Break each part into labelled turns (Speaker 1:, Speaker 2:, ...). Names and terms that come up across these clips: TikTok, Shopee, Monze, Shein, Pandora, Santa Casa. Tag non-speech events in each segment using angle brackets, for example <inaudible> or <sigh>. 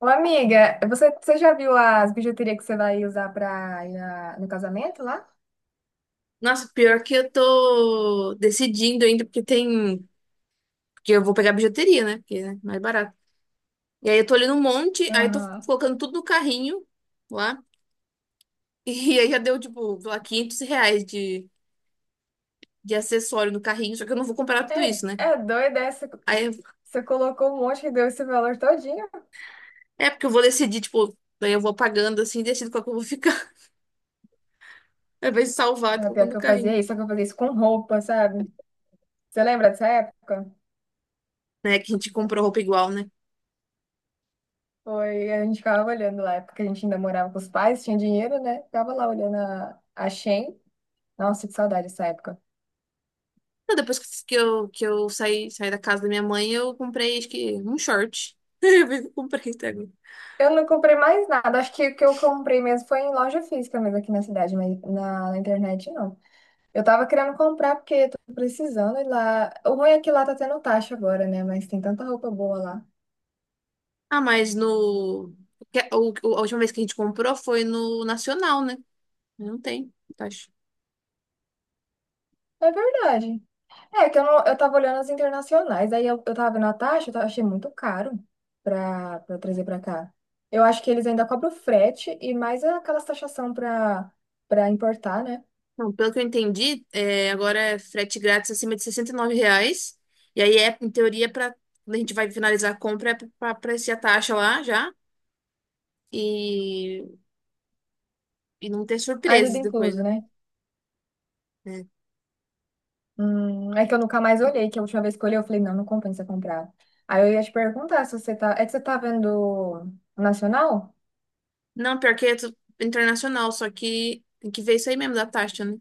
Speaker 1: Ô, amiga, você já viu as bijuterias que você vai usar pra ir no casamento lá?
Speaker 2: Nossa, pior que eu tô decidindo ainda, porque tem. Porque eu vou pegar bijuteria, né? Porque é mais barato. E aí eu tô olhando um monte, aí eu tô
Speaker 1: Aham.
Speaker 2: colocando tudo no carrinho lá. <laughs> E aí já deu, tipo, sei lá, 500 reais de acessório no carrinho, só que eu não vou comprar tudo isso, né?
Speaker 1: É, é doida essa.
Speaker 2: Aí eu-
Speaker 1: Você colocou um monte e deu esse valor todinho.
Speaker 2: é porque eu vou decidir, tipo, daí eu vou pagando assim, e decido qual que eu vou ficar. <laughs> Ao invés de salvar, tô
Speaker 1: É, pior
Speaker 2: colocando no
Speaker 1: que eu fazia
Speaker 2: carrinho.
Speaker 1: isso, só que eu fazia isso com roupa, sabe? Você lembra dessa época?
Speaker 2: Né? Que a gente comprou roupa igual, né?
Speaker 1: Foi, a gente ficava olhando lá, porque a gente ainda morava com os pais, tinha dinheiro, né? Ficava lá olhando a Shein. Nossa, que saudade dessa época.
Speaker 2: Não, depois que eu saí, da casa da minha mãe, eu comprei, acho que, um short. <laughs> Eu vi que eu comprei até agora.
Speaker 1: Eu não comprei mais nada, acho que o que eu comprei mesmo foi em loja física mesmo aqui na cidade, mas na internet não. Eu tava querendo comprar porque eu tô precisando ir lá. O ruim é que lá tá tendo taxa agora, né? Mas tem tanta roupa boa lá.
Speaker 2: Ah, mas no. que- O, o- a última vez que a gente comprou foi no Nacional, né? Não tem, taxa.
Speaker 1: É verdade. É que eu, não, eu tava olhando as internacionais, aí eu tava vendo a taxa, achei muito caro pra trazer pra cá. Eu acho que eles ainda cobram frete e mais aquelas taxação pra importar, né?
Speaker 2: Não, pelo que eu entendi, agora é frete grátis acima de 69 reais. E aí é, em teoria, para quando a gente vai finalizar a compra, é para aparecer a taxa lá já. E, e não ter
Speaker 1: Aí tudo
Speaker 2: surpresas depois,
Speaker 1: incluso,
Speaker 2: né?
Speaker 1: né?
Speaker 2: É.
Speaker 1: É que eu nunca mais olhei, que a última vez que eu olhei, eu falei, não, não compensa comprar. Aí eu ia te perguntar se você tá. É que você tá vendo nacional?
Speaker 2: Não, pior que é internacional, só que tem que ver isso aí mesmo da taxa, né?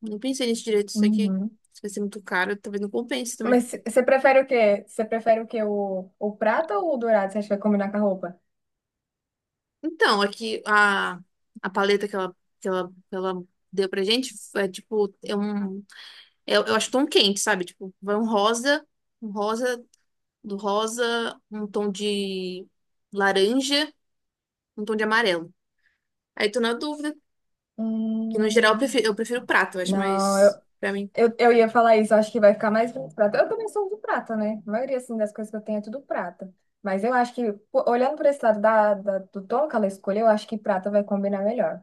Speaker 2: Não pensei nisso direito, isso aqui.
Speaker 1: Uhum.
Speaker 2: Se vai ser muito caro, talvez não compense também.
Speaker 1: Mas você prefere o quê? Você prefere o quê? O prata ou o dourado? Você acha que vai combinar com a roupa?
Speaker 2: Então, aqui a paleta que ela deu pra gente é tipo, é um. Eu acho tom quente, sabe? Tipo, vai um rosa, um rosa, do rosa, um tom de laranja, um tom de amarelo. Aí tô na dúvida, que no geral eu
Speaker 1: Hum,
Speaker 2: prefiro, eu prefiro prata, eu acho.
Speaker 1: não,
Speaker 2: Mas pra mim,
Speaker 1: eu ia falar isso. Eu acho que vai ficar mais bonito prata. Eu também sou do prata, né? A maioria, assim, das coisas que eu tenho é tudo prata. Mas eu acho que, pô, olhando por esse lado do tom que ela escolheu, eu acho que prata vai combinar melhor.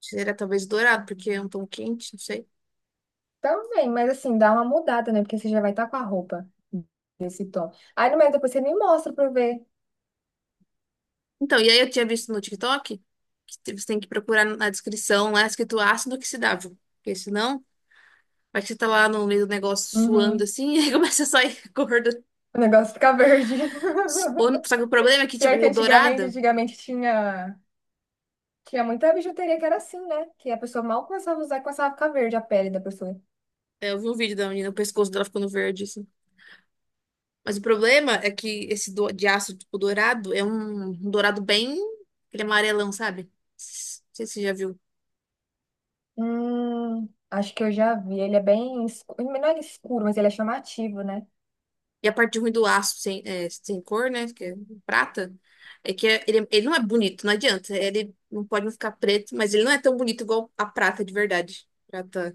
Speaker 2: seria talvez dourado, porque é um tom quente, não sei.
Speaker 1: Também, mas assim, dá uma mudada, né? Porque você já vai estar com a roupa desse tom. Aí, no meio, depois você me mostra pra eu ver.
Speaker 2: Então, e aí eu tinha visto no TikTok que você tem que procurar na descrição lá escrito ácido oxidável, porque senão. Vai que você tá lá no meio do negócio suando
Speaker 1: Uhum.
Speaker 2: assim, <laughs> e aí começa a sair <laughs> gordo.
Speaker 1: O negócio fica verde. <laughs>
Speaker 2: Só que o problema é que, tipo,
Speaker 1: Pior que
Speaker 2: o
Speaker 1: antigamente,
Speaker 2: dourado.
Speaker 1: antigamente tinha, tinha muita bijuteria que era assim, né? Que a pessoa mal começava a usar, começava a ficar verde a pele da pessoa.
Speaker 2: Eu vi um vídeo da menina, o pescoço dela ficando verde, assim. Mas o problema é que esse de aço, tipo, dourado, é um dourado bem. Aquele amarelão, sabe? Não sei se você já viu.
Speaker 1: Acho que eu já vi. Ele é bem escuro, não é escuro, mas ele é chamativo, né?
Speaker 2: E a parte ruim do aço sem, sem cor, né? Que é prata, é que ele não é bonito, não adianta. Ele não pode não ficar preto, mas ele não é tão bonito igual a prata de verdade. Prata,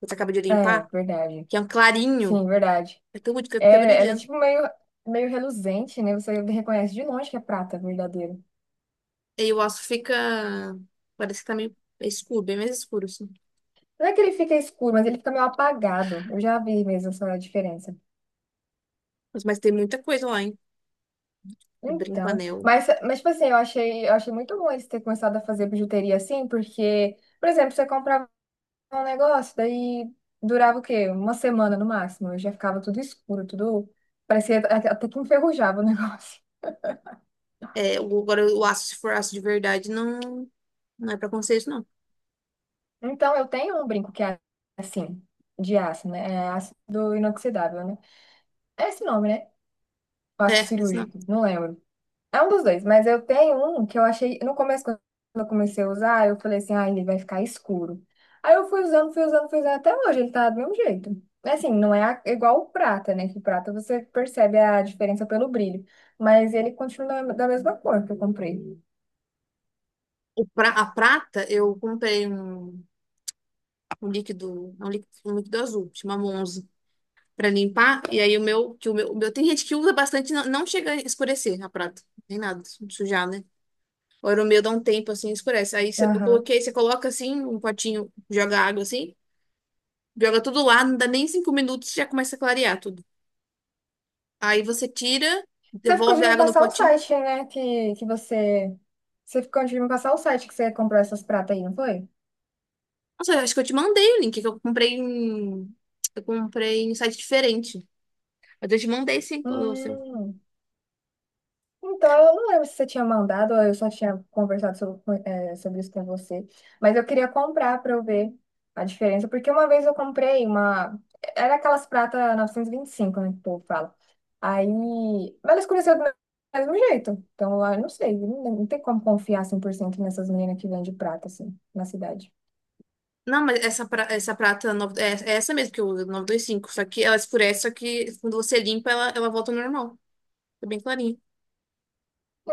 Speaker 2: que você acaba de
Speaker 1: É,
Speaker 2: limpar,
Speaker 1: verdade.
Speaker 2: que é um clarinho.
Speaker 1: Sim, verdade.
Speaker 2: É tão bonito, que fica até
Speaker 1: É, ela é
Speaker 2: brilhando.
Speaker 1: tipo meio, meio reluzente, né? Você reconhece de longe que é prata verdadeiro.
Speaker 2: E o aço fica. Parece que tá meio escuro, bem mais escuro, assim.
Speaker 1: Não é que ele fica escuro, mas ele fica meio apagado. Eu já vi mesmo essa diferença.
Speaker 2: Mas tem muita coisa lá, hein? De brinco,
Speaker 1: Então,
Speaker 2: anel.
Speaker 1: mas tipo assim, eu achei muito bom eles terem começado a fazer bijuteria assim, porque, por exemplo, você comprava um negócio, daí durava o quê? Uma semana no máximo, já ficava tudo escuro, tudo parecia até que enferrujava o <laughs> negócio.
Speaker 2: É, agora o aço, se for aço de verdade, não, não é pra conceito, não.
Speaker 1: Então, eu tenho um brinco que é assim, de aço, né? É ácido inoxidável, né? É esse nome, né? Aço
Speaker 2: É, esse não.
Speaker 1: cirúrgico, não lembro. É um dos dois, mas eu tenho um que eu achei. No começo, quando eu comecei a usar, eu falei assim, ah, ele vai ficar escuro. Aí eu fui usando, até hoje ele tá do mesmo jeito. Assim, não é igual o prata, né? Que o prata você percebe a diferença pelo brilho. Mas ele continua da mesma cor que eu comprei.
Speaker 2: A prata, eu comprei um, um líquido, é um líquido azul, chama Monze, pra limpar. E aí o meu, tem gente que usa bastante, não chega a escurecer a prata. Nem nada, sujar, né? O meu dá um tempo assim, escurece. Eu
Speaker 1: Aham.
Speaker 2: coloquei, você coloca assim, um potinho, joga água assim, joga tudo lá, não dá nem 5 minutos, já começa a clarear tudo. Aí você tira,
Speaker 1: Você ficou de
Speaker 2: devolve a
Speaker 1: me
Speaker 2: água no
Speaker 1: passar o
Speaker 2: potinho.
Speaker 1: site, né? Que você. Você ficou de me passar o site que você comprou essas pratas aí, não foi?
Speaker 2: Nossa, eu acho que eu te mandei o link, que eu comprei em site diferente. Mas eu te mandei sim, o seu.
Speaker 1: Hum. Então, eu não lembro se você tinha mandado ou eu só tinha conversado sobre, sobre isso com você. Mas eu queria comprar para eu ver a diferença. Porque uma vez eu comprei uma. Era aquelas pratas 925, né? Que o povo fala. Aí. Mas ela escureceu do mesmo jeito. Então, eu não sei. Não, não tem como confiar 100% nessas meninas que vendem prata, assim, na cidade.
Speaker 2: Não, mas essa, essa prata é essa mesmo que eu uso, 925. Só que ela escurece, só que quando você limpa, ela volta ao normal. Fica bem clarinha.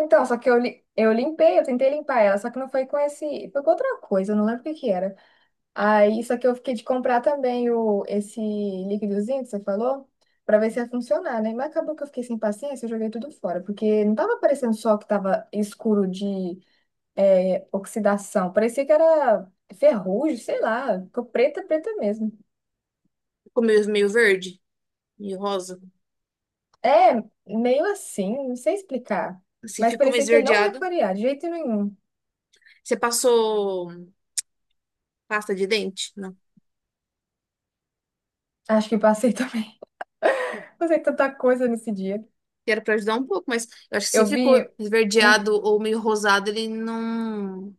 Speaker 1: Então, só que eu, eu limpei, eu tentei limpar ela, só que não foi com esse, foi com outra coisa, eu não lembro o que que era. Aí, só que eu fiquei de comprar também o, esse líquidozinho que você falou, pra ver se ia funcionar, né? Mas acabou que eu fiquei sem paciência, eu joguei tudo fora, porque não tava parecendo só que tava escuro de é, oxidação, parecia que era ferrugem, sei lá, ficou preta mesmo.
Speaker 2: Ficou meio verde, meio rosa.
Speaker 1: É, meio assim, não sei explicar,
Speaker 2: Se
Speaker 1: mas
Speaker 2: ficou meio
Speaker 1: parecia que ele não ia
Speaker 2: esverdeado.
Speaker 1: clarear de jeito nenhum.
Speaker 2: Você passou pasta de dente? Não.
Speaker 1: Acho que passei <laughs> também. Fazer tanta coisa nesse dia.
Speaker 2: Que Era pra ajudar um pouco, mas eu acho que se
Speaker 1: Eu
Speaker 2: ficou
Speaker 1: vi um-
Speaker 2: esverdeado ou meio rosado, ele não.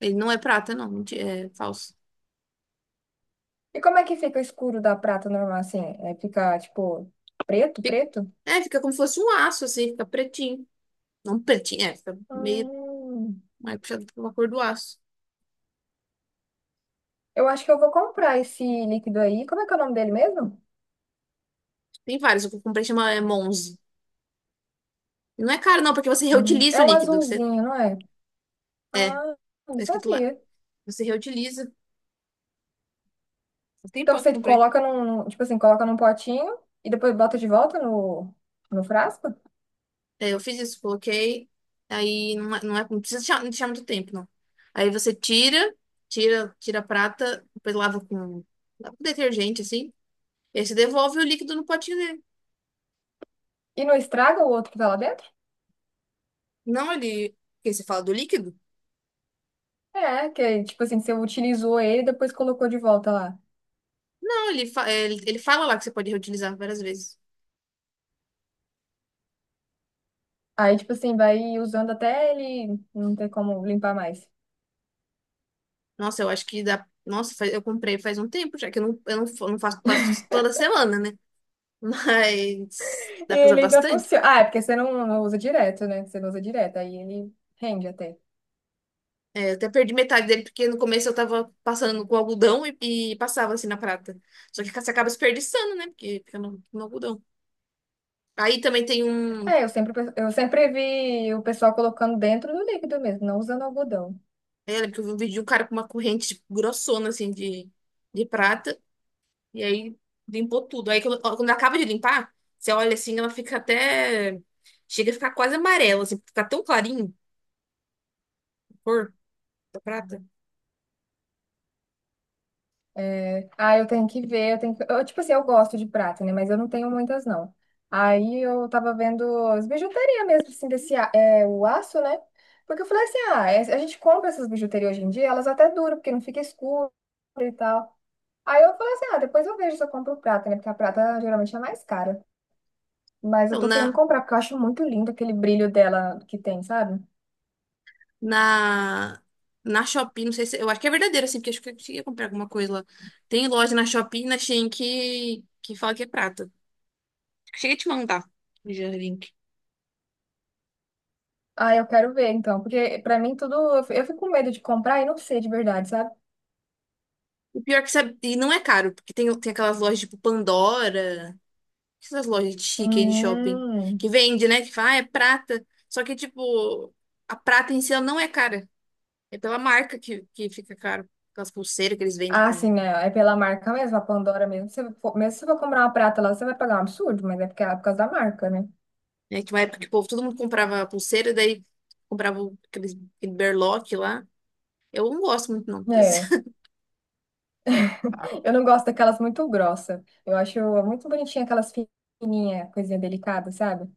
Speaker 2: Ele não é prata, não. É falso.
Speaker 1: e como é que fica o escuro da prata normal assim? É, fica tipo
Speaker 2: Fica-
Speaker 1: preto?
Speaker 2: É, fica como se fosse um aço, assim, fica pretinho. Não pretinho, fica meio
Speaker 1: Hum,
Speaker 2: mais puxado pela cor do aço.
Speaker 1: eu acho que eu vou comprar esse líquido aí. Como é que é o nome dele mesmo?
Speaker 2: Tem vários, o que eu comprei chama é Monze. E não é caro, não, porque você reutiliza
Speaker 1: É
Speaker 2: o
Speaker 1: um
Speaker 2: líquido. Você,
Speaker 1: azulzinho, não é? Ah, não
Speaker 2: tá escrito lá.
Speaker 1: sabia.
Speaker 2: Você reutiliza. Faz
Speaker 1: Então
Speaker 2: tempão que eu
Speaker 1: você
Speaker 2: comprei.
Speaker 1: coloca num, tipo assim, coloca num potinho e depois bota de volta no frasco?
Speaker 2: É, eu fiz isso, coloquei. Aí não precisa deixar, não deixar muito tempo, não. Aí você tira, tira a prata, depois lava com detergente, assim. E aí você devolve o líquido no potinho dele.
Speaker 1: E não estraga o outro que tá lá dentro?
Speaker 2: Não, ele. Porque você fala do líquido?
Speaker 1: É, que tipo assim, você utilizou ele e depois colocou de volta lá.
Speaker 2: Não, ele, fa- é, ele fala lá que você pode reutilizar várias vezes.
Speaker 1: Aí, tipo assim, vai usando até ele não ter como limpar mais.
Speaker 2: Nossa, eu acho que dá. Nossa, eu comprei faz um tempo já, que eu não, não faço, passo toda semana, né? <laughs> Mas
Speaker 1: E
Speaker 2: dá pra usar
Speaker 1: ele ainda
Speaker 2: bastante.
Speaker 1: funciona. Ah, é porque você não, não usa direto, né? Você não usa direto, aí ele rende até.
Speaker 2: É, eu até perdi metade dele, porque no começo eu tava passando com algodão e passava assim na prata. Só que você acaba desperdiçando, né? Porque fica no algodão. Aí também tem um.
Speaker 1: É, eu sempre vi o pessoal colocando dentro do líquido mesmo, não usando algodão.
Speaker 2: Eu lembro que eu vi um vídeo de um cara com uma corrente tipo, grossona, assim, de prata. E aí limpou tudo. Aí quando acaba de limpar, você olha assim, ela fica até. Chega a ficar quase amarela, assim, fica tão clarinho a cor da prata.
Speaker 1: Né? Ah, eu tenho que ver, eu tenho que... Eu, tipo assim, eu gosto de prata, né? Mas eu não tenho muitas, não. Aí eu tava vendo as bijuterias mesmo, assim, o aço, né? Porque eu falei assim, ah, a gente compra essas bijuterias hoje em dia, elas até duram, porque não fica escuro e tal. Aí eu falei assim, ah, depois eu vejo se eu compro prata, né? Porque a prata geralmente é mais cara. Mas eu
Speaker 2: Então,
Speaker 1: tô querendo comprar, porque eu acho muito lindo aquele brilho dela que tem, sabe?
Speaker 2: na, na Shopee, não sei se. Eu acho que é verdadeiro, assim, porque acho que eu cheguei a comprar alguma coisa lá. Tem loja na Shopee e na Shein que fala que é prata. Cheguei a te mandar já o link.
Speaker 1: Ah, eu quero ver, então. Porque pra mim tudo... Eu fico com medo de comprar e não sei de verdade, sabe?
Speaker 2: O pior que sabe, e não é caro, porque tem aquelas lojas tipo Pandora, essas lojas de chique aí de shopping,
Speaker 1: Hum...
Speaker 2: que vende, né? Que fala, ah, é prata. Só que, tipo, a prata em si ela não é cara. É pela marca que fica caro. Aquelas pulseiras que eles vendem.
Speaker 1: Ah, sim, né? É pela marca mesmo, a Pandora mesmo. Se for, mesmo se você for comprar uma prata lá, você vai pagar um absurdo, mas é porque é por causa da marca, né?
Speaker 2: Né? Que uma época que o povo, todo mundo comprava pulseira, daí comprava aquele berlock lá. Eu não gosto muito, não.
Speaker 1: É.
Speaker 2: <laughs>
Speaker 1: Eu não gosto daquelas muito grossas. Eu acho muito bonitinha aquelas fininhas, coisinha delicada, sabe?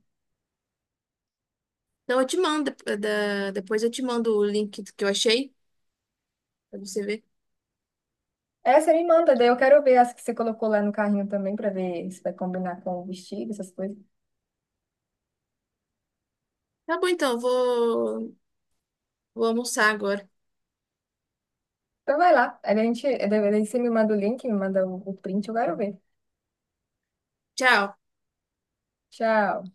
Speaker 2: Então eu te mando, depois eu te mando o link que eu achei, pra você ver.
Speaker 1: Essa me manda, daí eu quero ver as que você colocou lá no carrinho também, pra ver se vai combinar com o vestido, essas coisas.
Speaker 2: Tá bom, então, eu vou almoçar agora.
Speaker 1: Então vai lá, aí a gente, daí você me manda o link, me manda o print, eu quero ver.
Speaker 2: Tchau.
Speaker 1: Tchau.